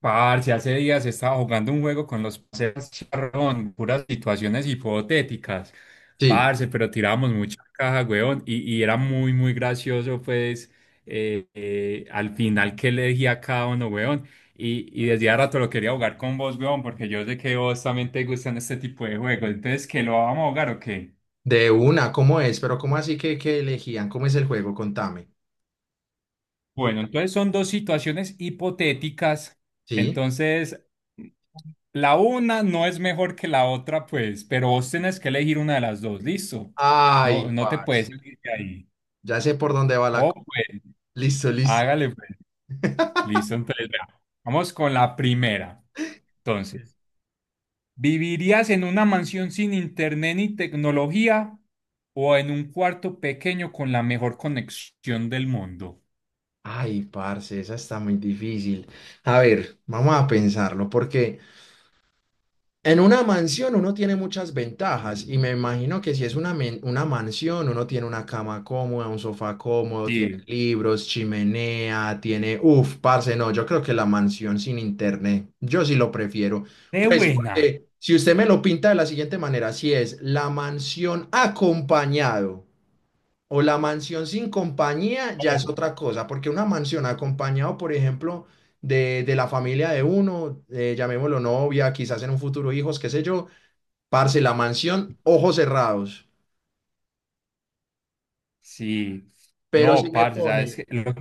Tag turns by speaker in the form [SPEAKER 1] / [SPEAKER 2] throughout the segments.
[SPEAKER 1] Parce, hace días estaba jugando un juego con los parceros charrón, puras situaciones hipotéticas.
[SPEAKER 2] Sí,
[SPEAKER 1] Parce, pero tirábamos mucha caja, weón, y era muy, muy gracioso, pues, al final que elegía cada uno, weón. Y desde hace rato lo quería jugar con vos, weón, porque yo sé que vos también te gustan este tipo de juegos. Entonces, ¿que lo vamos a jugar o qué?
[SPEAKER 2] de una, ¿cómo es? Pero ¿cómo así que elegían? ¿Cómo es el juego? Contame.
[SPEAKER 1] Bueno, entonces son dos situaciones hipotéticas.
[SPEAKER 2] Sí.
[SPEAKER 1] Entonces, la una no es mejor que la otra, pues, pero vos tenés que elegir una de las dos, listo. No,
[SPEAKER 2] Ay,
[SPEAKER 1] no te puedes
[SPEAKER 2] parce.
[SPEAKER 1] salir de ahí.
[SPEAKER 2] Ya sé por dónde va la...
[SPEAKER 1] Oh,
[SPEAKER 2] co-
[SPEAKER 1] pues,
[SPEAKER 2] Listo, listo.
[SPEAKER 1] hágale, pues. Listo, entonces, vea, vamos con la primera. Entonces, ¿vivirías en una mansión sin internet ni tecnología o en un cuarto pequeño con la mejor conexión del mundo?
[SPEAKER 2] Ay, parce, esa está muy difícil. A ver, vamos a pensarlo porque. En una mansión uno tiene muchas ventajas y me imagino que si es una mansión, uno tiene una cama cómoda, un sofá cómodo, tiene
[SPEAKER 1] Sí.
[SPEAKER 2] libros, chimenea, tiene. Uf, parce, no, yo creo que la mansión sin internet, yo sí lo prefiero.
[SPEAKER 1] De
[SPEAKER 2] Pues
[SPEAKER 1] buena.
[SPEAKER 2] porque si usted me lo pinta de la siguiente manera, si es la mansión acompañado o la mansión sin compañía, ya es
[SPEAKER 1] Oh,
[SPEAKER 2] otra cosa, porque una mansión acompañado, por ejemplo, de la familia de uno, llamémoslo novia, quizás en un futuro hijos, qué sé yo, parce, la mansión, ojos cerrados.
[SPEAKER 1] sí.
[SPEAKER 2] Pero si
[SPEAKER 1] No,
[SPEAKER 2] me
[SPEAKER 1] parce, ¿sabes
[SPEAKER 2] pone,
[SPEAKER 1] qué? Lo-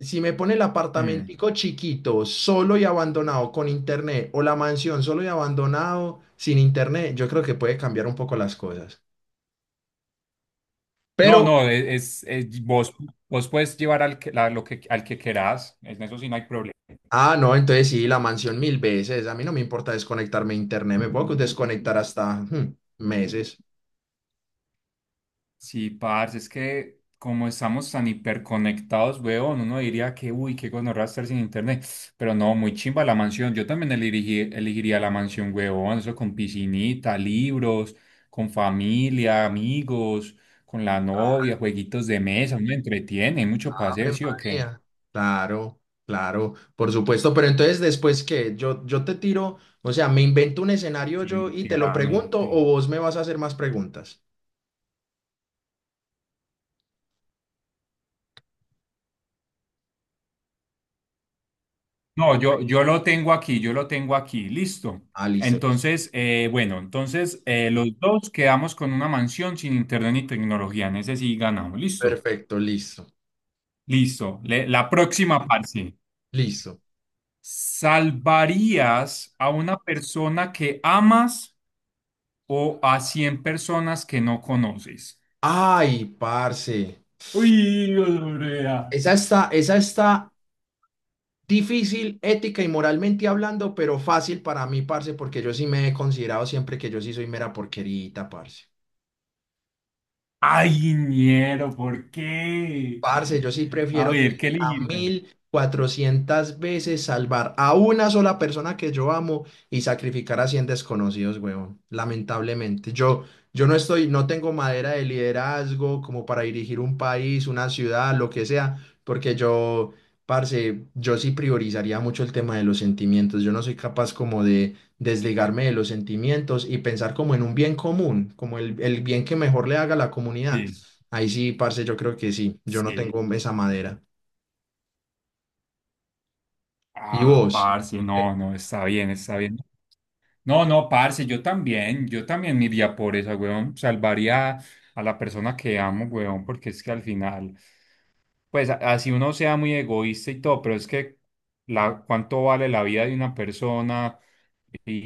[SPEAKER 2] si me pone el
[SPEAKER 1] Mm.
[SPEAKER 2] apartamentico chiquito, solo y abandonado con internet, o la mansión solo y abandonado sin internet, yo creo que puede cambiar un poco las cosas.
[SPEAKER 1] No,
[SPEAKER 2] Pero
[SPEAKER 1] no, e- es- vos, vos puedes llevar al que, la- lo que, al que querás, en eso sí no hay problema.
[SPEAKER 2] Ah, no, entonces sí, la mansión mil veces. A mí no me importa desconectarme de internet, me puedo desconectar hasta meses.
[SPEAKER 1] Sí, parce, es que como estamos tan hiperconectados, weón, uno diría que, uy, qué gonorrea estar sin internet, pero no, muy chimba la mansión, yo también elegí- elegiría la mansión, weón, eso con piscinita, libros, con familia, amigos, con la novia, jueguitos de mesa, uno entretiene, hay mucho para hacer,
[SPEAKER 2] Ave
[SPEAKER 1] ¿sí o qué?
[SPEAKER 2] María. Claro, claro, por supuesto. Pero entonces, después que yo te tiro, o sea, me invento un escenario yo y te lo pregunto, o
[SPEAKER 1] Definitivamente.
[SPEAKER 2] vos me vas a hacer más preguntas.
[SPEAKER 1] No, yo lo tengo aquí, yo lo tengo aquí, listo.
[SPEAKER 2] Ah, listo.
[SPEAKER 1] Entonces, bueno, entonces los dos quedamos con una mansión sin internet ni tecnología, en ese sí ganamos, listo.
[SPEAKER 2] Perfecto, listo,
[SPEAKER 1] Listo. Le- la próxima parte.
[SPEAKER 2] listo.
[SPEAKER 1] ¿Salvarías a una persona que amas o a 100 personas que no conoces?
[SPEAKER 2] Ay, parce.
[SPEAKER 1] Uy, Lorea.
[SPEAKER 2] Esa está difícil, ética y moralmente hablando, pero fácil para mí, parce, porque yo sí me he considerado siempre que yo sí soy mera porquerita, parce.
[SPEAKER 1] Ay, ñero, ¿por qué?
[SPEAKER 2] Parce, yo sí
[SPEAKER 1] A
[SPEAKER 2] prefiero
[SPEAKER 1] ver, ¿qué
[SPEAKER 2] treinta
[SPEAKER 1] elegir?
[SPEAKER 2] mil cuatrocientas veces salvar a una sola persona que yo amo y sacrificar a 100 desconocidos, huevón. Lamentablemente, yo no estoy, no tengo madera de liderazgo como para dirigir un país, una ciudad, lo que sea, porque yo, parce, yo sí priorizaría mucho el tema de los sentimientos. Yo no soy capaz como de desligarme de los sentimientos y pensar como en un bien común, como el bien que mejor le haga a la comunidad.
[SPEAKER 1] Sí,
[SPEAKER 2] Ahí sí, parce, yo creo que sí. Yo no
[SPEAKER 1] sí.
[SPEAKER 2] tengo esa madera. ¿Y
[SPEAKER 1] Ah,
[SPEAKER 2] vos?
[SPEAKER 1] parce, no, no, está bien, está bien. No, no, parce, yo también me iría por esa, weón. Salvaría a la persona que amo, weón, porque es que al final, pues a- así uno sea muy egoísta y todo, pero es que la, cuánto vale la vida de una persona y, y,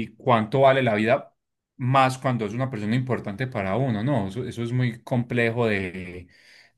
[SPEAKER 1] y, y cuánto vale la vida más cuando es una persona importante para uno, ¿no? Eso es muy complejo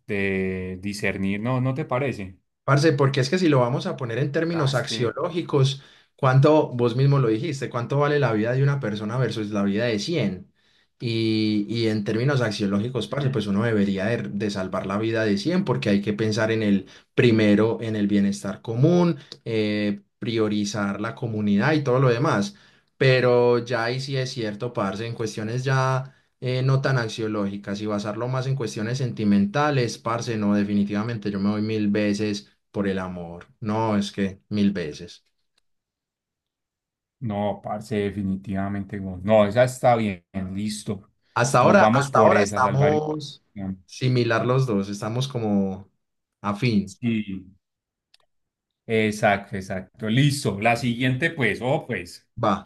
[SPEAKER 1] de discernir, ¿no? ¿No te parece?
[SPEAKER 2] Parce, porque es que si lo vamos a poner en
[SPEAKER 1] Ah,
[SPEAKER 2] términos
[SPEAKER 1] es que...
[SPEAKER 2] axiológicos, ¿cuánto, vos mismo lo dijiste, cuánto vale la vida de una persona versus la vida de 100? Y en términos axiológicos, parce,
[SPEAKER 1] Ujú.
[SPEAKER 2] pues uno debería de salvar la vida de 100 porque hay que pensar en el primero, en el bienestar común, priorizar la comunidad y todo lo demás. Pero ya ahí sí es cierto, parce, en cuestiones ya no tan axiológicas y basarlo más en cuestiones sentimentales, parce, no, definitivamente yo me voy mil veces por el amor. No, es que mil veces.
[SPEAKER 1] No, parce, definitivamente. Güey. No, esa está bien, listo. Nos vamos
[SPEAKER 2] Hasta
[SPEAKER 1] por
[SPEAKER 2] ahora
[SPEAKER 1] esa, salvar.
[SPEAKER 2] estamos similar los dos, estamos como afín.
[SPEAKER 1] Sí, exacto, exacto. Listo. La siguiente, pues, oh, pues,
[SPEAKER 2] Va.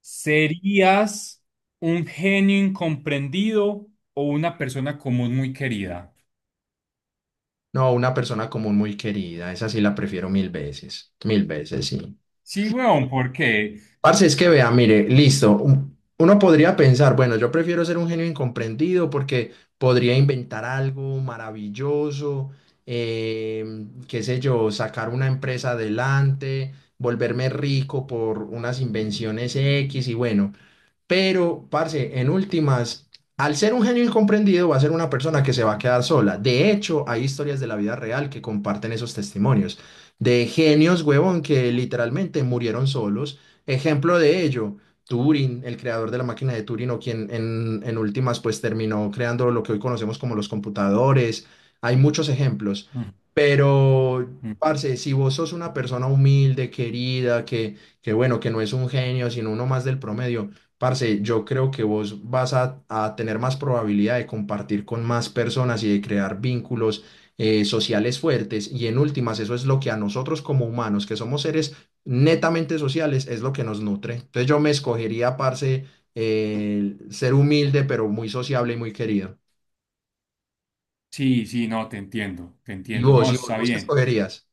[SPEAKER 1] ¿serías un genio incomprendido o una persona común muy querida?
[SPEAKER 2] No, una persona común muy querida, esa sí la prefiero mil veces, sí.
[SPEAKER 1] Sí, weón, porque.
[SPEAKER 2] Parce, es que vea, mire, listo. Uno podría pensar, bueno, yo prefiero ser un genio incomprendido porque podría inventar algo maravilloso, qué sé yo, sacar una empresa adelante, volverme rico por unas invenciones X y bueno. Pero, parce, en últimas, al ser un genio incomprendido, va a ser una persona que se va a quedar sola. De hecho, hay historias de la vida real que comparten esos testimonios de genios, huevón, que literalmente murieron solos. Ejemplo de ello, Turing, el creador de la máquina de Turing, o quien en, últimas, pues terminó creando lo que hoy conocemos como los computadores. Hay muchos ejemplos.
[SPEAKER 1] Mm,
[SPEAKER 2] Pero,
[SPEAKER 1] mm.
[SPEAKER 2] parce, si vos sos una persona humilde, querida, que bueno, que no es un genio, sino uno más del promedio. Parce, yo creo que vos vas a tener más probabilidad de compartir con más personas y de crear vínculos sociales fuertes. Y en últimas, eso es lo que a nosotros como humanos, que somos seres netamente sociales, es lo que nos nutre. Entonces yo me escogería, parce, ser humilde, pero muy sociable y muy querido.
[SPEAKER 1] Sí, sí, no, te entiendo, te
[SPEAKER 2] ¿Y
[SPEAKER 1] entiendo.
[SPEAKER 2] vos?
[SPEAKER 1] No,
[SPEAKER 2] ¿Y vos,
[SPEAKER 1] está
[SPEAKER 2] vos qué
[SPEAKER 1] bien.
[SPEAKER 2] escogerías?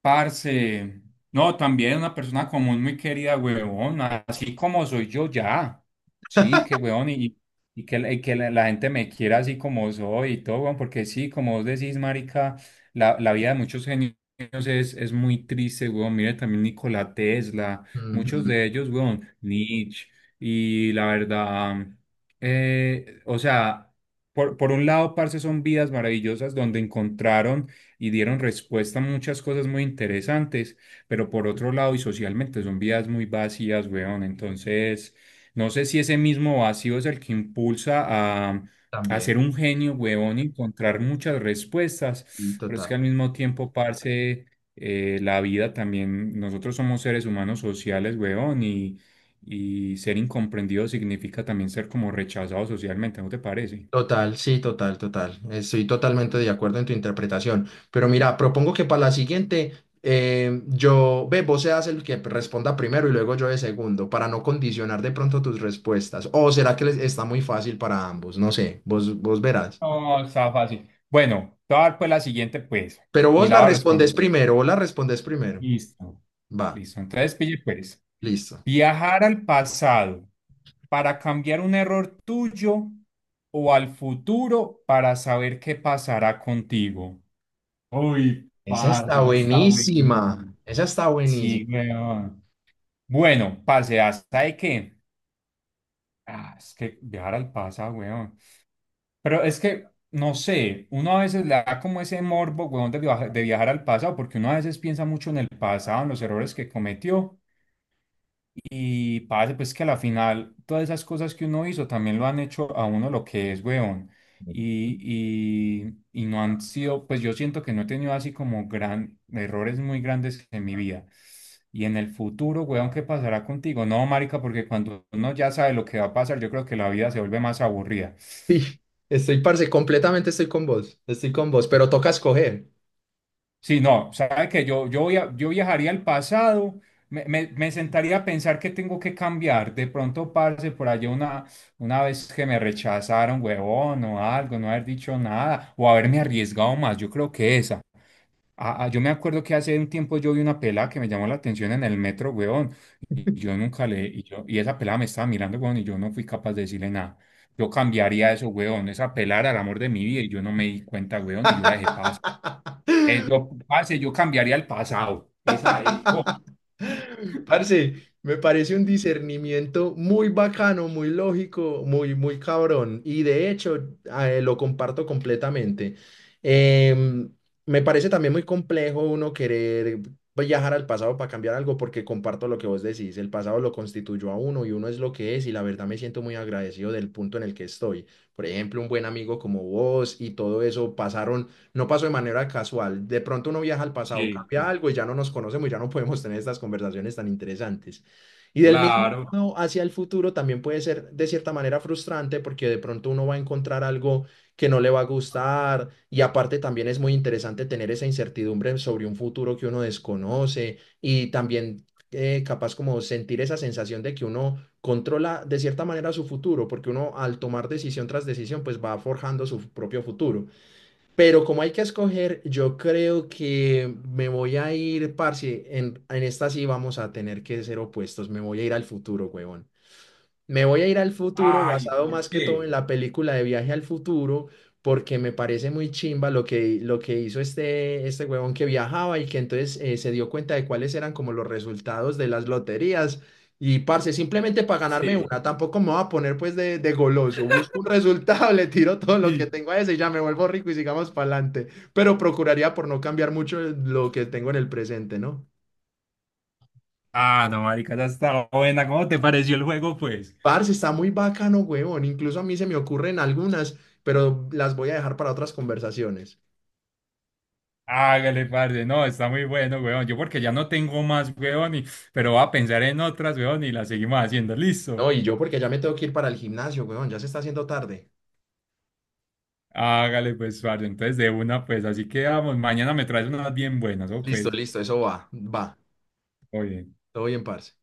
[SPEAKER 1] Parce, no, también una persona común muy querida, huevón, así como soy yo ya. Sí, que huevón, la gente me quiera así como soy y todo, huevón, porque sí, como vos decís, marica, la vida de muchos genios es muy triste, huevón. Mire también Nikola Tesla, muchos
[SPEAKER 2] Ujú,
[SPEAKER 1] de ellos, huevón, Nietzsche, y la verdad, o sea, por un lado, parce, son vidas maravillosas donde encontraron y dieron respuesta a muchas cosas muy interesantes, pero por otro lado y socialmente son vidas muy vacías, weón. Entonces, no sé si ese mismo vacío es el que impulsa a, a
[SPEAKER 2] también,
[SPEAKER 1] ser un genio, weón, y encontrar muchas
[SPEAKER 2] y
[SPEAKER 1] respuestas, pero es
[SPEAKER 2] total.
[SPEAKER 1] que al mismo tiempo, parce, la vida también, nosotros somos seres humanos sociales, weón, y ser incomprendido significa también ser como rechazado socialmente, ¿no te parece?
[SPEAKER 2] Total, sí, total, total. Estoy totalmente de acuerdo en tu interpretación. Pero mira, propongo que para la siguiente, ve, vos seas el que responda primero y luego yo de segundo, para no condicionar de pronto tus respuestas. O será que les está muy fácil para ambos, no sé, vos verás.
[SPEAKER 1] No, está fácil. Bueno, te voy a dar pues la siguiente, pues,
[SPEAKER 2] Pero
[SPEAKER 1] y
[SPEAKER 2] vos
[SPEAKER 1] la
[SPEAKER 2] la
[SPEAKER 1] voy a responder.
[SPEAKER 2] respondes primero, vos la respondes primero.
[SPEAKER 1] Listo.
[SPEAKER 2] Va,
[SPEAKER 1] Listo. Entonces, pille, pues,
[SPEAKER 2] listo.
[SPEAKER 1] viajar al pasado para cambiar un error tuyo o al futuro para saber qué pasará contigo. Uy,
[SPEAKER 2] Esa
[SPEAKER 1] parce,
[SPEAKER 2] está
[SPEAKER 1] esa está
[SPEAKER 2] buenísima,
[SPEAKER 1] buenísima.
[SPEAKER 2] esa está
[SPEAKER 1] Sí,
[SPEAKER 2] buenísima.
[SPEAKER 1] weón. Bueno, parce, ¿hasta de qué? Ah, es que viajar al pasado, weón. Pero es que, no sé, uno a veces le da como ese morbo, weón, de viaja- de viajar al pasado, porque uno a veces piensa mucho en el pasado, en los errores que cometió, y parece pues que a la final todas esas cosas que uno hizo también lo han hecho a uno lo que es, weón. Y no han sido, pues yo siento que no he tenido así como gran, errores muy grandes en mi vida. Y en el futuro, weón, ¿qué pasará contigo? No, marica, porque cuando uno ya sabe lo que va a pasar, yo creo que la vida se vuelve más aburrida.
[SPEAKER 2] Sí, estoy, parce, completamente estoy con vos, pero toca escoger.
[SPEAKER 1] Sí, no, sabe que yo viajaría al pasado, me sentaría a pensar que tengo que cambiar. De pronto, parce, por allá una vez que me rechazaron, huevón, o algo, no haber dicho nada, o haberme arriesgado más. Yo creo que esa. Ah, ah, yo me acuerdo que hace un tiempo yo vi una pelada que me llamó la atención en el metro, huevón, y yo nunca le, y yo, y esa pelada me estaba mirando, huevón, y yo no fui capaz de decirle nada. Yo cambiaría eso, huevón, esa pelada era el amor de mi vida, y yo no me di cuenta, huevón, y yo la dejé pasar. Parce, yo cambiaría el pasado. Esa es. Oh,
[SPEAKER 2] Parce, me parece un discernimiento muy bacano, muy lógico, muy, muy cabrón. Y de hecho, lo comparto completamente. Em, me parece también muy complejo uno querer viajar al pasado para cambiar algo, porque comparto lo que vos decís. El pasado lo constituyó a uno y uno es lo que es. Y la verdad me siento muy agradecido del punto en el que estoy. Por ejemplo, un buen amigo como vos y todo eso pasaron no pasó de manera casual. De pronto uno viaja al pasado,
[SPEAKER 1] sí,
[SPEAKER 2] cambia
[SPEAKER 1] sí,
[SPEAKER 2] algo y ya no nos conocemos y ya no podemos tener estas conversaciones tan interesantes. Y del mismo
[SPEAKER 1] claro.
[SPEAKER 2] modo hacia el futuro también puede ser de cierta manera frustrante porque de pronto uno va a encontrar algo que no le va a gustar, y aparte también es muy interesante tener esa incertidumbre sobre un futuro que uno desconoce y también capaz como sentir esa sensación de que uno controla de cierta manera su futuro, porque uno al tomar decisión tras decisión pues va forjando su propio futuro. Pero como hay que escoger, yo creo que me voy a ir, parce, en, esta sí vamos a tener que ser opuestos, me voy a ir al futuro, huevón. Me voy a ir al futuro,
[SPEAKER 1] Ay,
[SPEAKER 2] basado
[SPEAKER 1] ¿por
[SPEAKER 2] más que todo
[SPEAKER 1] qué?
[SPEAKER 2] en la película de Viaje al Futuro, porque me parece muy chimba lo que, hizo este huevón que viajaba y que entonces se dio cuenta de cuáles eran como los resultados de las loterías. Y parce, simplemente para ganarme
[SPEAKER 1] Sí,
[SPEAKER 2] una, tampoco me voy a poner pues de goloso. Busco un resultado, le tiro todo lo que
[SPEAKER 1] sí.
[SPEAKER 2] tengo a ese y ya me vuelvo rico y sigamos para adelante. Pero procuraría por no cambiar mucho lo que tengo en el presente, ¿no?
[SPEAKER 1] Ah, no, marica, esa está buena. ¿Cómo te pareció el juego, pues?
[SPEAKER 2] Parce, está muy bacano, huevón. Incluso a mí se me ocurren algunas, pero las voy a dejar para otras conversaciones.
[SPEAKER 1] Hágale, parce. No, está muy bueno, weón. Yo porque ya no tengo más, weón, y- pero voy a pensar en otras, weón, y las seguimos haciendo. Listo.
[SPEAKER 2] No, y yo porque ya me tengo que ir para el gimnasio, huevón. Ya se está haciendo tarde.
[SPEAKER 1] Hágale, pues, parce. Entonces, de una, pues, así quedamos. Mañana me traes unas bien buenas, ¿o
[SPEAKER 2] Listo,
[SPEAKER 1] pues?
[SPEAKER 2] listo, eso va, va.
[SPEAKER 1] Oye.
[SPEAKER 2] Todo bien, parce.